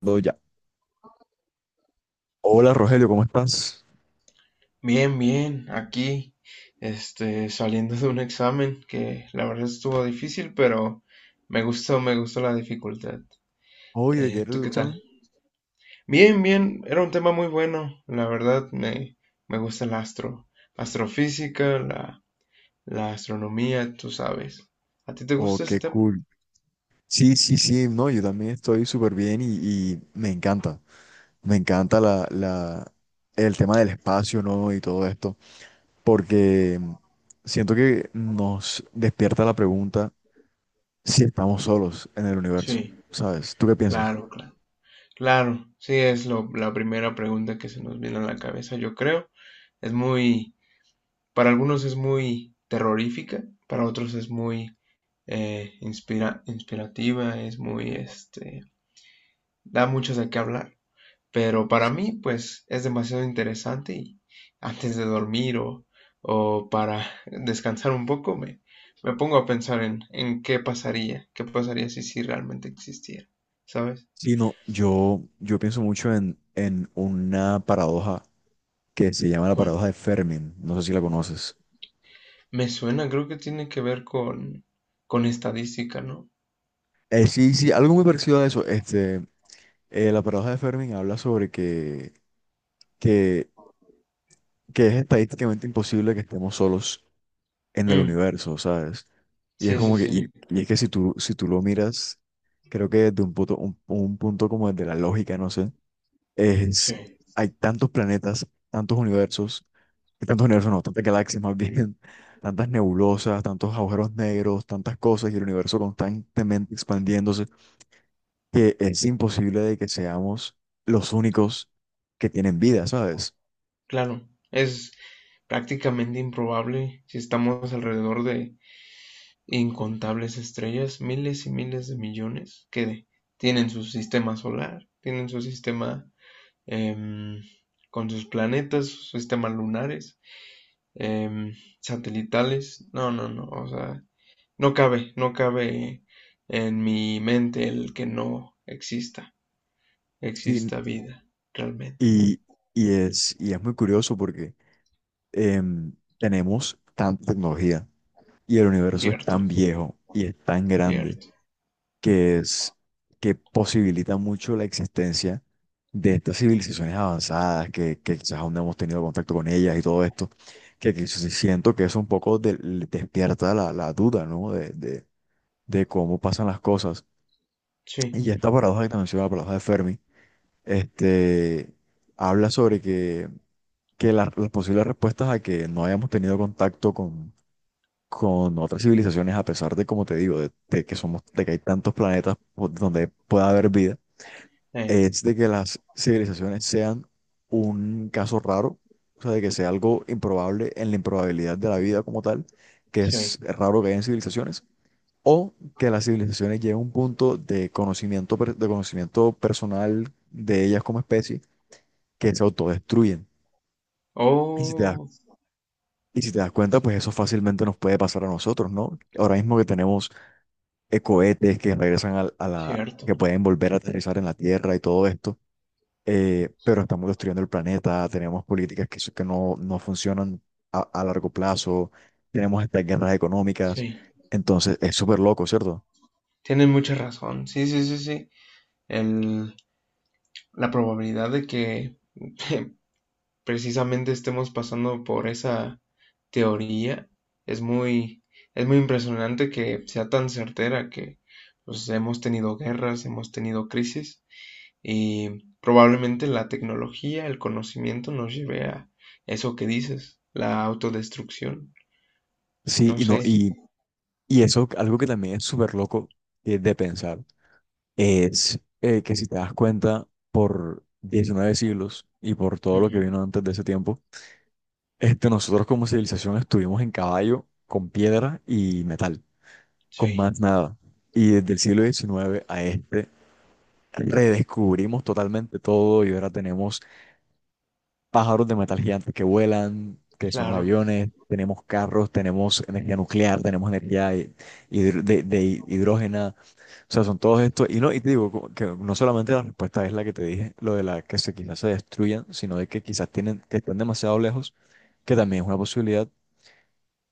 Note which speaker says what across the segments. Speaker 1: Todo ya. Hola Rogelio, ¿cómo estás?
Speaker 2: Bien, bien, aquí, saliendo de un examen que la verdad estuvo difícil, pero me gustó la dificultad.
Speaker 1: Oye, ¿de qué era
Speaker 2: ¿Tú
Speaker 1: el
Speaker 2: qué tal?
Speaker 1: examen?
Speaker 2: Bien, bien, era un tema muy bueno, la verdad me gusta el astrofísica, la astronomía, tú sabes. ¿A ti te
Speaker 1: Oh,
Speaker 2: gusta ese
Speaker 1: qué
Speaker 2: tema?
Speaker 1: cool. Sí, sí, sí, no, yo también estoy súper bien y me encanta. Me encanta el tema del espacio, ¿no? Y todo esto, porque siento que nos despierta la pregunta si estamos solos en el universo,
Speaker 2: Sí,
Speaker 1: ¿sabes? ¿Tú qué piensas?
Speaker 2: claro, claro. Claro, sí, la primera pregunta que se nos viene a la cabeza, yo creo. Es muy Para algunos es muy terrorífica, para otros es muy inspirativa. Da mucho de qué hablar. Pero para mí, pues, es demasiado interesante y antes de dormir o para descansar un poco, me pongo a pensar en qué pasaría si realmente existiera, ¿sabes?
Speaker 1: Sí, no, yo pienso mucho en una paradoja que se llama la
Speaker 2: ¿Cuál?
Speaker 1: paradoja de Fermi. No sé si la conoces.
Speaker 2: Me suena, creo que tiene que ver con estadística, ¿no?
Speaker 1: Sí, sí, algo muy parecido a eso. La paradoja de Fermi habla sobre que, que es estadísticamente imposible que estemos solos en el
Speaker 2: Mm,
Speaker 1: universo, ¿sabes? Y es
Speaker 2: sí, sí,
Speaker 1: como que,
Speaker 2: sí,
Speaker 1: y es que si tú, si tú lo miras, creo que desde un punto, un punto como desde la lógica, no sé,
Speaker 2: sí.
Speaker 1: es, hay tantos planetas, tantos universos, y tantos universos no, tantas galaxias más bien, tantas nebulosas, tantos agujeros negros, tantas cosas, y el universo constantemente expandiéndose, que es imposible de que seamos los únicos que tienen vida, ¿sabes?
Speaker 2: Claro, es prácticamente improbable si estamos alrededor de incontables estrellas, miles y miles de millones que tienen su sistema solar, tienen su sistema em, con sus planetas, sus sistemas lunares, em, satelitales. No, no, no, o sea, no cabe, no cabe en mi mente el que no exista,
Speaker 1: Y,
Speaker 2: exista vida, realmente.
Speaker 1: y, y es muy curioso porque em, tenemos tanta tecnología y el universo es
Speaker 2: Cierto,
Speaker 1: tan viejo y es tan grande
Speaker 2: cierto.
Speaker 1: que es que posibilita mucho la existencia de estas civilizaciones avanzadas que quizás aún no hemos tenido contacto con ellas y todo esto, que sí siento que eso un poco despierta la duda, ¿no? De cómo pasan las cosas.
Speaker 2: Sí,
Speaker 1: Y esta paradoja que te menciono, la paradoja de Fermi, este, habla sobre que las posibles respuestas a que no hayamos tenido contacto con otras civilizaciones, a pesar de, como te digo, de que somos, de que hay tantos planetas donde pueda haber vida,
Speaker 2: eh,
Speaker 1: es de que las civilizaciones sean un caso raro, o sea, de que sea algo improbable en la improbabilidad de la vida como tal, que es
Speaker 2: sí.
Speaker 1: raro que hayan civilizaciones o que las civilizaciones lleguen a un punto de conocimiento, de conocimiento personal de ellas como especie que se autodestruyen. Y si te das,
Speaker 2: Oh,
Speaker 1: y si te das cuenta, pues eso fácilmente nos puede pasar a nosotros, ¿no? Ahora mismo que tenemos cohetes que regresan
Speaker 2: cierto.
Speaker 1: que pueden volver a aterrizar en la Tierra y todo esto, pero estamos destruyendo el planeta, tenemos políticas que no, no funcionan a largo plazo, tenemos estas guerras económicas,
Speaker 2: Sí,
Speaker 1: entonces es súper loco, ¿cierto?
Speaker 2: tienes mucha razón. Sí, sí, sí, sí. El- la probabilidad de que precisamente estemos pasando por esa teoría es muy, es muy impresionante que sea tan certera que, pues, hemos tenido guerras, hemos tenido crisis y probablemente la tecnología, el conocimiento nos lleve a eso que dices, la autodestrucción.
Speaker 1: Sí,
Speaker 2: No
Speaker 1: y no,
Speaker 2: sé.
Speaker 1: y Y eso, algo que también es súper loco de pensar, es que si te das cuenta, por 19 siglos y por todo lo que
Speaker 2: Ujú.
Speaker 1: vino antes de ese tiempo, este, nosotros como civilización estuvimos en caballo, con piedra y metal, con
Speaker 2: Sí,
Speaker 1: más nada. Y desde el siglo XIX a este, redescubrimos totalmente todo y ahora tenemos pájaros de metal gigantes que vuelan, que son los
Speaker 2: claro.
Speaker 1: aviones, tenemos carros, tenemos energía nuclear, tenemos energía de hidrógeno. O sea, son todos estos, y no, y te digo como que no solamente la respuesta es la que te dije, lo de la que se quizás se destruyan, sino de que quizás tienen, que están demasiado lejos, que también es una posibilidad,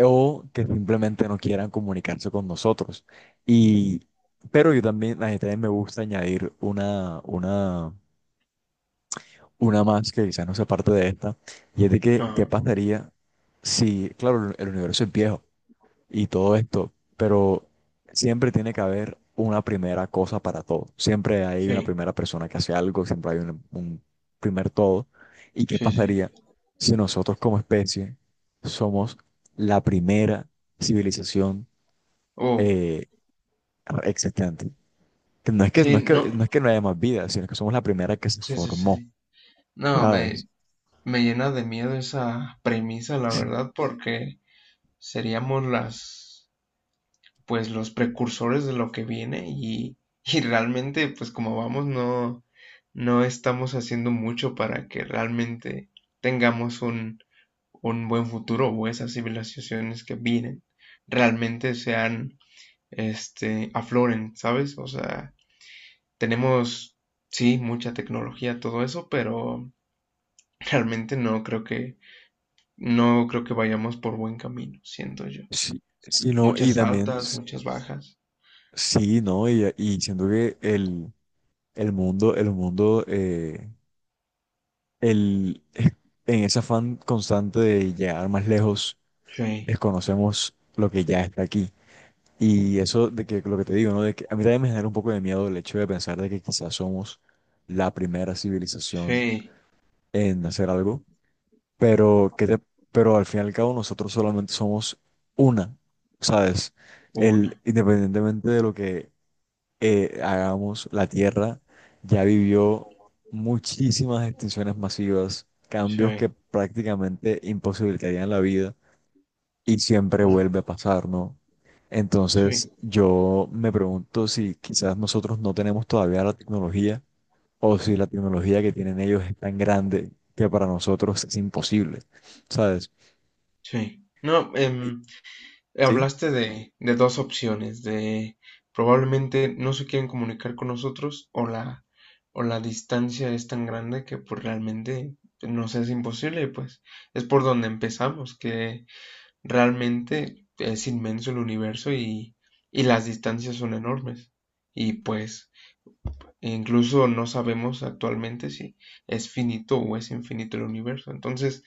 Speaker 1: o que simplemente no quieran comunicarse con nosotros. Y, pero yo también, a mí también me gusta añadir una más que quizás no sea parte de esta, y es de que, ¿qué
Speaker 2: Ajá.
Speaker 1: pasaría si, claro, el universo es viejo? Y todo esto, pero siempre tiene que haber una primera cosa para todo. Siempre hay una
Speaker 2: Sí,
Speaker 1: primera persona que hace algo, siempre hay un primer todo. ¿Y qué
Speaker 2: sí, sí.
Speaker 1: pasaría si nosotros como especie somos la primera civilización
Speaker 2: Oh.
Speaker 1: eh, existente? Que no es que
Speaker 2: Sí,
Speaker 1: no es
Speaker 2: no,
Speaker 1: que no es que no haya más vida, sino que somos la primera que se
Speaker 2: sí, sí,
Speaker 1: formó,
Speaker 2: sí. No,
Speaker 1: ¿sabes?
Speaker 2: me llena de miedo esa premisa, la verdad, porque seríamos pues, los precursores de lo que viene y realmente, pues, como vamos, no estamos haciendo mucho para que realmente tengamos un buen futuro o esas civilizaciones que vienen realmente afloren, ¿sabes? O sea, tenemos, sí, mucha tecnología, todo eso, pero realmente no creo que vayamos por buen camino, siento yo.
Speaker 1: Sí, sí, no,
Speaker 2: Muchas altas, muchas bajas.
Speaker 1: sí, ¿no? Y siento que el mundo el, en ese afán constante de llegar más lejos,
Speaker 2: Sí,
Speaker 1: desconocemos lo que ya está aquí. Y eso de que lo que te digo, ¿no? De que a mí también me genera un poco de miedo el hecho de pensar de que quizás somos la primera civilización
Speaker 2: sí,
Speaker 1: en hacer algo, pero que te- pero al fin y al cabo nosotros solamente somos una, ¿sabes? El,
Speaker 2: una.
Speaker 1: independientemente de lo que hagamos, la Tierra ya vivió muchísimas extinciones masivas, cambios que
Speaker 2: Sí,
Speaker 1: prácticamente imposibilitarían la vida y siempre
Speaker 2: claro.
Speaker 1: vuelve a pasar, ¿no?
Speaker 2: Sí,
Speaker 1: Entonces yo me pregunto si quizás nosotros no tenemos todavía la tecnología o si la tecnología que tienen ellos es tan grande que para nosotros es imposible, ¿sabes?
Speaker 2: sí. No,
Speaker 1: ¿Sí?
Speaker 2: hablaste de dos opciones, de probablemente no se quieren comunicar con nosotros o la distancia es tan grande que pues realmente nos es imposible, pues es por donde empezamos, que realmente es inmenso el universo y las distancias son enormes. Y pues incluso no sabemos actualmente si es finito o es infinito el universo. Entonces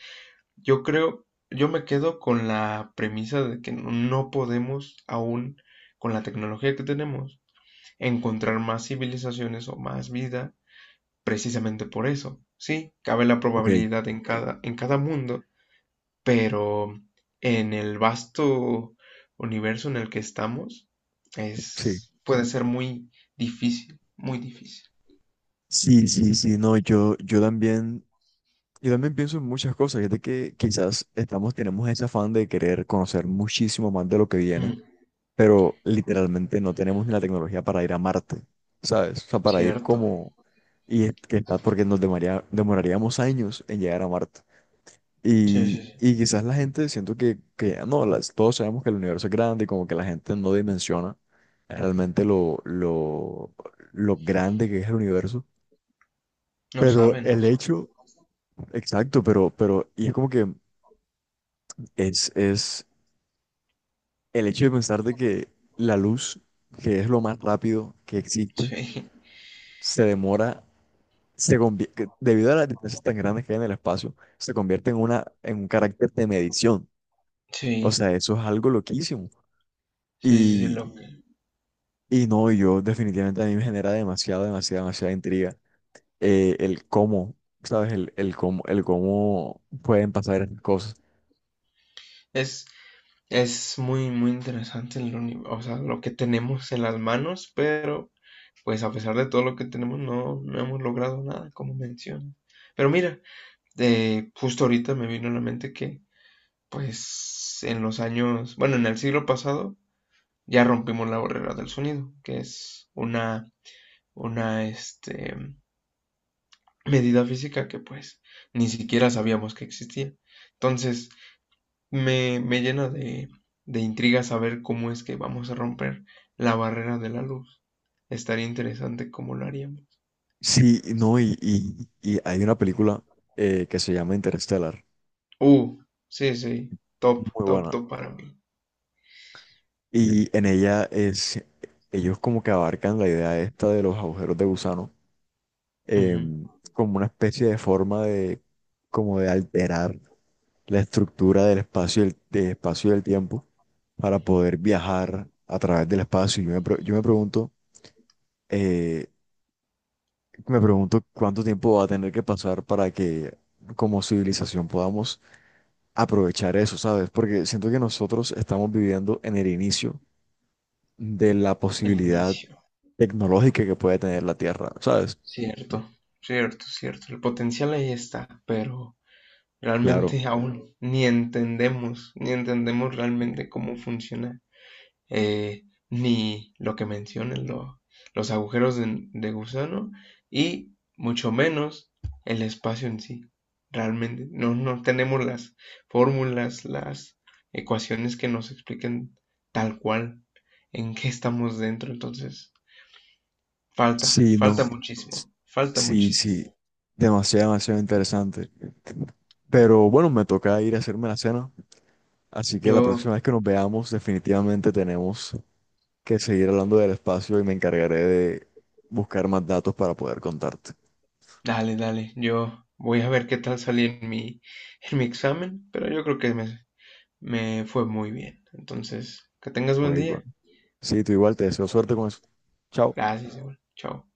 Speaker 2: yo creo, yo me quedo con la premisa de que no podemos aún, con la tecnología que tenemos, encontrar más civilizaciones o más vida precisamente por eso. Sí, cabe la
Speaker 1: Ok,
Speaker 2: probabilidad en cada mundo, pero en el vasto universo en el que estamos,
Speaker 1: sí.
Speaker 2: puede ser muy difícil, muy difícil.
Speaker 1: Sí, sí, sí, no, yo también, yo también pienso en muchas cosas, y es de que quizás estamos, tenemos ese afán de querer conocer muchísimo más de lo que viene,
Speaker 2: Mm,
Speaker 1: pero literalmente no tenemos ni la tecnología para ir a Marte, ¿sabes? O sea, para ir
Speaker 2: cierto.
Speaker 1: como, y es que está porque demoraríamos años en llegar a Marte.
Speaker 2: Sí, sí, sí.
Speaker 1: Y quizás la gente, siento que no, las, todos sabemos que el universo es grande y como que la gente no dimensiona realmente lo grande que es el universo.
Speaker 2: No
Speaker 1: Pero
Speaker 2: saben, no
Speaker 1: el
Speaker 2: saben.
Speaker 1: hecho, exacto, pero, y es como que es el hecho de pensar de que la luz, que es lo más rápido que existe,
Speaker 2: Sí,
Speaker 1: se demora, que debido a las distancias tan grandes que hay en el espacio, se convierte en una, en un carácter de medición. O
Speaker 2: sí,
Speaker 1: sea, eso es algo loquísimo.
Speaker 2: sí, sí, sí,
Speaker 1: Y, y no, yo definitivamente a mí me genera demasiada intriga el cómo, ¿sabes? El cómo pueden pasar esas cosas.
Speaker 2: es, es muy, muy interesante o sea, lo que tenemos en las manos, pero pues a pesar de todo lo que tenemos, no hemos logrado nada, como mencionas. Pero mira, justo ahorita me vino a la mente que, pues, en los años, bueno, en el siglo pasado ya rompimos la barrera del sonido, que es una medida física que pues ni siquiera sabíamos que existía. Entonces, me llena de intriga saber cómo es que vamos a romper la barrera de la luz. Estaría interesante cómo lo haríamos.
Speaker 1: Sí, no, y hay una película que se llama Interstellar.
Speaker 2: Uh, sí, sí, top,
Speaker 1: Muy
Speaker 2: top,
Speaker 1: buena.
Speaker 2: top para mí.
Speaker 1: Y en ella es, ellos como que abarcan la idea esta de los agujeros de gusano,
Speaker 2: Ujú.
Speaker 1: em, como una especie de forma de, como de alterar la estructura del espacio, del espacio y del tiempo para poder viajar a través del espacio. Yo eh, me pregunto cuánto tiempo va a tener que pasar para que como civilización podamos aprovechar eso, ¿sabes? Porque siento que nosotros estamos viviendo en el inicio de la
Speaker 2: El
Speaker 1: posibilidad
Speaker 2: inicio.
Speaker 1: tecnológica que puede tener la Tierra, ¿sabes?
Speaker 2: Cierto, cierto, cierto. El potencial ahí está, pero
Speaker 1: Claro.
Speaker 2: realmente aún ni entendemos realmente cómo funciona, eh, ni lo que mencionan los agujeros de gusano, y mucho menos el espacio en sí. Realmente no tenemos las fórmulas, las ecuaciones que nos expliquen tal cual en qué estamos dentro. Entonces, falta,
Speaker 1: Sí,
Speaker 2: falta
Speaker 1: no.
Speaker 2: muchísimo, falta
Speaker 1: Sí, sí.
Speaker 2: muchísimo.
Speaker 1: Demasiado, demasiado interesante. Pero bueno, me toca ir a hacerme la cena. Así que la
Speaker 2: Yo
Speaker 1: próxima vez que nos veamos, definitivamente tenemos que seguir hablando del espacio y me encargaré de buscar más datos para poder contarte.
Speaker 2: Dale, dale. Yo voy a ver qué tal salí en mi examen, pero yo creo que me fue muy bien. Entonces, que tengas
Speaker 1: Ok,
Speaker 2: buen
Speaker 1: bueno.
Speaker 2: día.
Speaker 1: Sí, tú igual, te deseo suerte con eso. Chao.
Speaker 2: Gracias, igual. Chao.